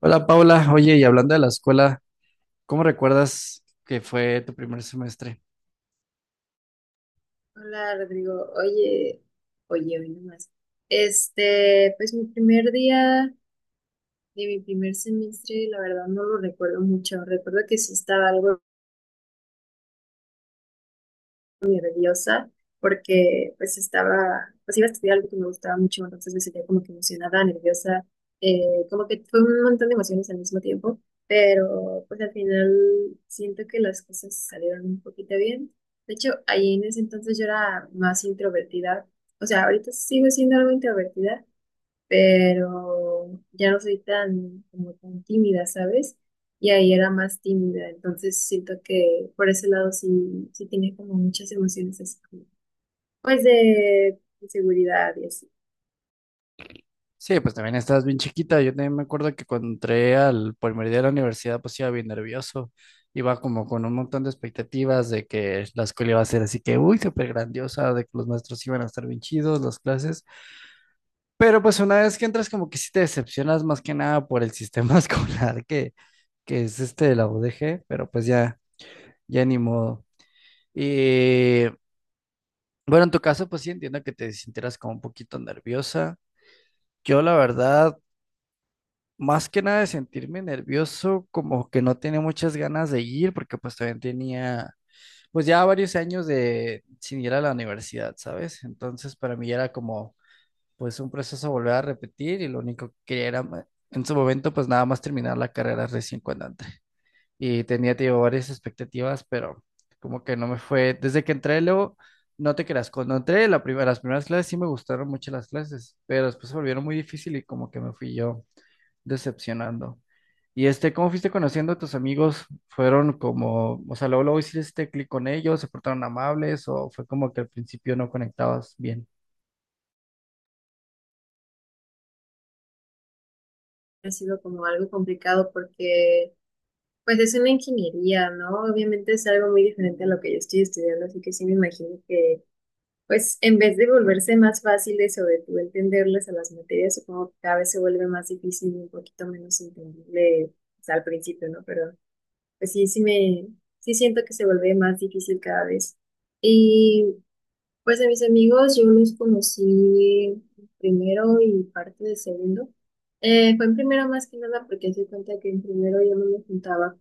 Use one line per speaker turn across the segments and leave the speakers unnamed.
Hola Paula, oye, y hablando de la escuela, ¿cómo recuerdas que fue tu primer semestre?
Hola Rodrigo, oye, oye, hoy nomás. Pues mi primer día de mi primer semestre, la verdad no lo recuerdo mucho. Recuerdo que sí estaba algo muy nerviosa porque pues estaba, pues iba a estudiar algo que me gustaba mucho, entonces me sentía como que emocionada, nerviosa, eh, como que fue un montón de emociones al mismo tiempo, pero pues al final siento que las cosas salieron un poquito bien. De hecho, ahí en ese entonces yo era más introvertida, o sea, ahorita sigo siendo algo introvertida, pero ya no soy tan, como tan tímida, ¿sabes? Y ahí era más tímida, entonces siento que por ese lado sí, sí tenía como muchas emociones así como, pues de inseguridad y así.
Sí, pues también estabas bien chiquita. Yo también me acuerdo que cuando entré al primer día de la universidad, pues iba bien nervioso. Iba como con un montón de expectativas de que la escuela iba a ser así que, uy, súper grandiosa, de que los maestros iban a estar bien chidos, las clases. Pero pues una vez que entras, como que sí te decepcionas más que nada por el sistema escolar que es este de la UDG, pero pues ya, ya ni modo. Y. Bueno, en tu caso, pues sí entiendo que te sintieras como un poquito nerviosa. Yo, la verdad, más que nada de sentirme nervioso, como que no tenía muchas ganas de ir, porque pues también tenía, pues ya varios años de sin ir a la universidad, ¿sabes? Entonces, para mí era como, pues un proceso volver a repetir y lo único que quería era, en su momento, pues nada más terminar la carrera recién cuando y tenía, te digo, varias expectativas, pero como que no me fue. Desde que entré, luego, no te creas, cuando entré las primeras clases sí me gustaron mucho las clases, pero después se volvieron muy difícil y como que me fui yo decepcionando. Y este, ¿cómo fuiste conociendo a tus amigos? ¿Fueron como, o sea, luego hiciste clic con ellos, se portaron amables o fue como que al principio no conectabas bien?
Ha sido como algo complicado porque pues es una ingeniería, ¿no? Obviamente es algo muy diferente a lo que yo estoy estudiando, así que sí me imagino que pues en vez de volverse más fáciles o de tú entenderles a las materias, supongo que cada vez se vuelve más difícil y un poquito menos entendible pues, al principio, ¿no? Pero pues sí, sí siento que se vuelve más difícil cada vez. Y pues a mis amigos yo los conocí primero y parte de segundo. Fue en primero más que nada porque se cuenta que en primero yo no me juntaba,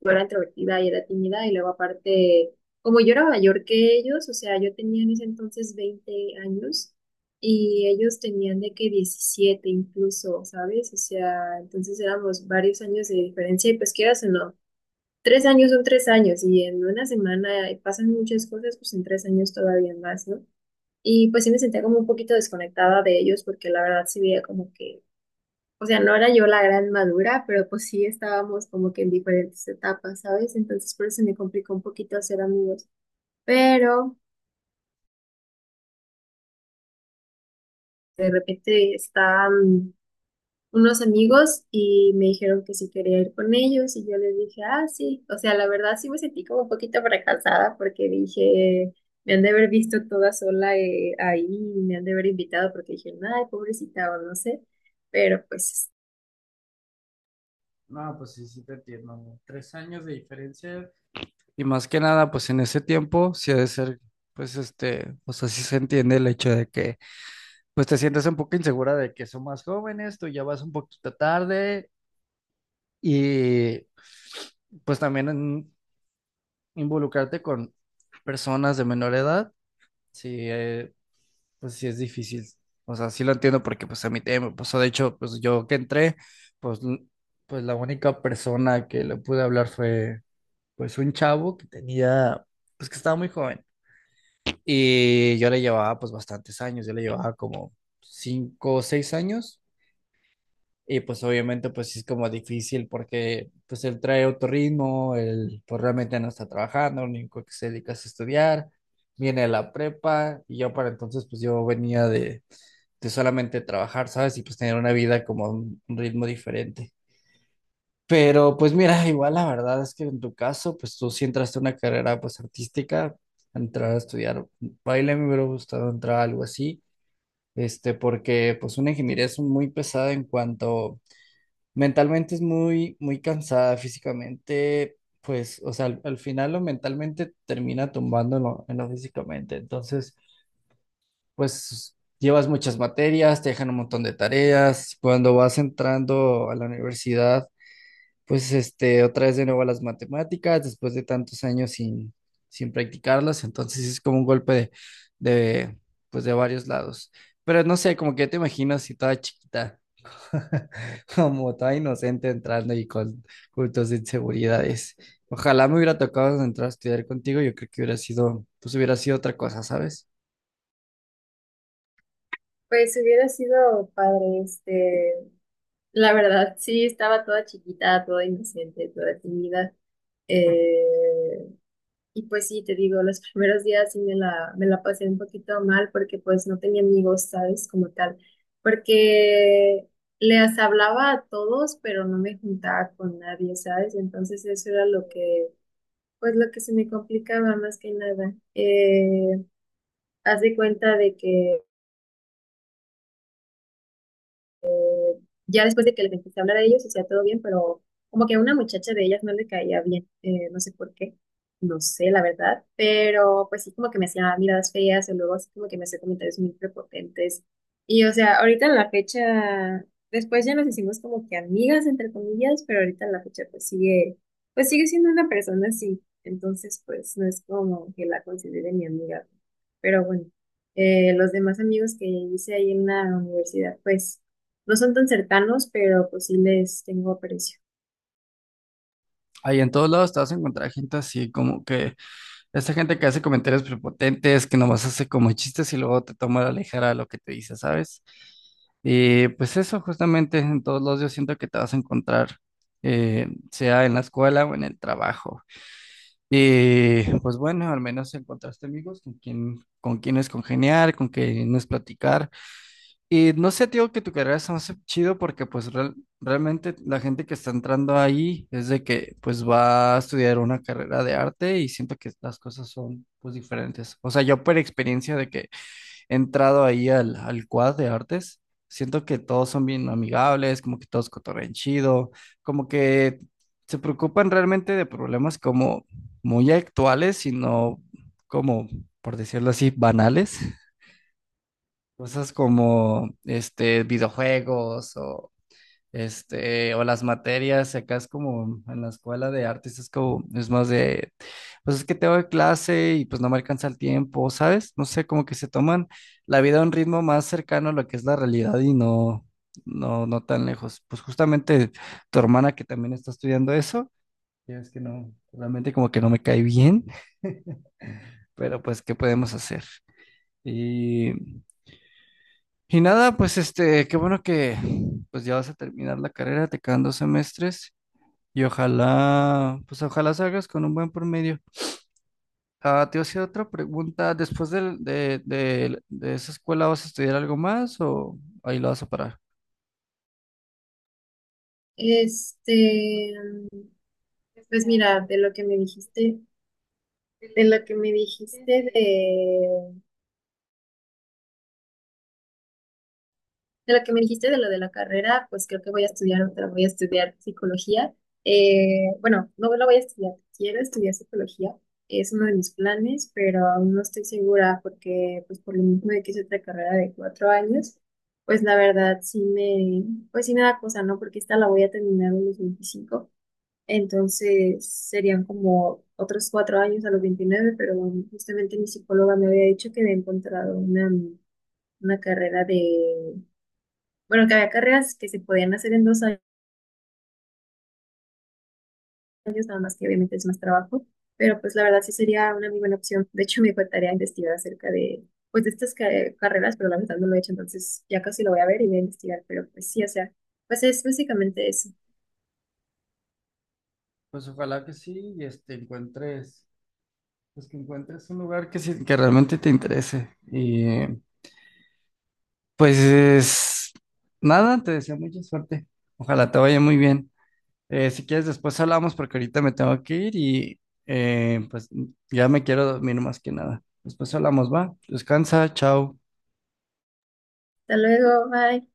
yo era introvertida y era tímida y luego aparte, como yo era mayor que ellos, o sea, yo tenía en ese entonces 20 años y ellos tenían de que 17 incluso, ¿sabes? O sea, entonces éramos varios años de diferencia y pues quieras o no, 3 años son 3 años y en una semana pasan muchas cosas, pues en 3 años todavía más, ¿no? Y pues sí me sentía como un poquito desconectada de ellos porque la verdad sí veía como que, o sea, no era yo la gran madura, pero pues sí estábamos como que en diferentes etapas, ¿sabes? Entonces por eso me complicó un poquito hacer amigos. Pero de repente estaban unos amigos y me dijeron que si quería ir con ellos y yo les dije, ah, sí. O sea, la verdad sí me sentí como un poquito fracasada porque dije, me han de haber visto toda sola ahí, y me han de haber invitado porque dije, ay, pobrecita, o no sé. Pero pues,
No, pues sí, sí te entiendo, ¿no? 3 años de diferencia. Y más que nada, pues en ese tiempo sí ha de ser, pues este, o sea, sí se entiende el hecho de que, pues te sientes un poco insegura de que son más jóvenes, tú ya vas un poquito tarde y pues también involucrarte con personas de menor edad, sí, pues sí es difícil. O sea, sí lo entiendo porque pues a mí también me pasó, de hecho, pues yo que entré, pues, pues la única persona que le pude hablar fue pues un chavo que tenía, pues que estaba muy joven. Y yo le llevaba pues bastantes años, yo le llevaba como 5 o 6 años y pues obviamente pues sí es como difícil porque pues él trae otro ritmo, él pues realmente no está trabajando, lo único que se dedica es a estudiar, viene de la prepa y yo para entonces pues yo venía de solamente trabajar, ¿sabes? Y pues tener una vida como un ritmo diferente. Pero pues mira, igual la verdad es que en tu caso, pues tú sí entraste a una carrera pues artística, entrar a estudiar baile, me hubiera gustado entrar a algo así, este, porque pues una ingeniería es muy pesada en cuanto mentalmente es muy, muy cansada físicamente, pues, o sea, al final lo mentalmente termina tumbando en lo físicamente, entonces, pues llevas muchas materias, te dejan un montón de tareas, cuando vas entrando a la universidad pues este, otra vez de nuevo a las matemáticas, después de tantos años sin practicarlas, entonces es como un golpe de, pues de varios lados. Pero no sé, como que te imagino si toda chiquita, como toda inocente entrando y con cultos de inseguridades. Ojalá me hubiera tocado entrar a estudiar contigo, yo creo que hubiera sido, pues hubiera sido otra cosa, ¿sabes?
pues hubiera sido padre, este. La verdad, sí, estaba toda chiquita, toda inocente, toda tímida. Eh, y pues sí, te digo, los primeros días sí me la, pasé un poquito mal porque pues no tenía amigos, ¿sabes? Como tal. Porque les hablaba a todos, pero no me juntaba con nadie, ¿sabes? Entonces eso era lo que, pues lo que se me complicaba más que nada. Haz de cuenta de que ya después de que les empecé a hablar a ellos, hacía todo bien, pero como que a una muchacha de ellas no le caía bien, no sé por qué, no sé la verdad, pero pues sí como que me hacía miradas feas o luego así como que me hacía comentarios muy prepotentes. Y o sea, ahorita en la fecha, después ya nos hicimos como que amigas, entre comillas, pero ahorita en la fecha pues sigue siendo una persona así, entonces pues no es como que la considere mi amiga, pero bueno, los demás amigos que hice ahí en la universidad, pues... no son tan cercanos, pero pues sí les tengo aprecio.
Ahí en todos lados te vas a encontrar gente así como que esta gente que hace comentarios prepotentes, que nomás hace como chistes y luego te toma a la ligera lo que te dice, ¿sabes? Y pues eso, justamente en todos los yo siento que te vas a encontrar, sea en la escuela o en el trabajo. Y pues bueno, al menos encontraste amigos con quien, con quienes congeniar, con quienes platicar. Y no sé, tío, que tu carrera se me hace chido porque pues realmente la gente que está entrando ahí es de que pues va a estudiar una carrera de arte y siento que las cosas son pues diferentes. O sea, yo por experiencia de que he entrado ahí al quad de artes, siento que todos son bien amigables, como que todos cotorrean chido, como que se preocupan realmente de problemas como muy actuales y no como, por decirlo así, banales. Cosas como este videojuegos o este o las materias, y acá es como en la escuela de artes es como es más de pues es que tengo clase y pues no me alcanza el tiempo, ¿sabes? No sé, como que se toman la vida a un ritmo más cercano a lo que es la realidad y no no tan lejos. Pues justamente tu hermana que también está estudiando eso, ya es que no realmente como que no me cae bien. Pero pues ¿qué podemos hacer? Y y nada, pues este, qué bueno que pues ya vas a terminar la carrera, te quedan 2 semestres y ojalá, pues ojalá salgas con un buen promedio. Ah, te voy a hacer otra pregunta, ¿después de esa escuela vas a estudiar algo más o ahí lo vas a parar?
Este, pues mira, de lo que me dijiste, de lo que me dijiste de, de lo que me dijiste de lo de la carrera, pues creo que voy a estudiar otra, voy a estudiar psicología. Bueno, no lo voy a estudiar, quiero estudiar psicología, es uno de mis planes, pero aún no estoy segura porque pues por lo mismo de que es otra carrera de 4 años, pues la verdad sí me, pues sí me da cosa, ¿no? Porque esta la voy a terminar en los 25. Entonces serían como otros 4 años, a los 29, pero bueno, justamente mi psicóloga me había dicho que había encontrado una, carrera de, bueno, que había carreras que se podían hacer en 2 años, nada más que obviamente es más trabajo, pero pues la verdad sí sería una muy buena opción. De hecho, me faltaría investigar acerca de, pues de estas carreras, pero la verdad no lo he hecho, entonces ya casi lo voy a ver y voy a investigar, pero pues sí, o sea, pues es básicamente eso.
Pues ojalá que sí, y este, encuentres, pues que encuentres un lugar que sí, que realmente te interese. Y pues nada, te deseo mucha suerte. Ojalá te vaya muy bien. Si quieres, después hablamos porque ahorita me tengo que ir y pues ya me quiero dormir más que nada. Después hablamos, va. Descansa, chao.
Hasta luego, bye.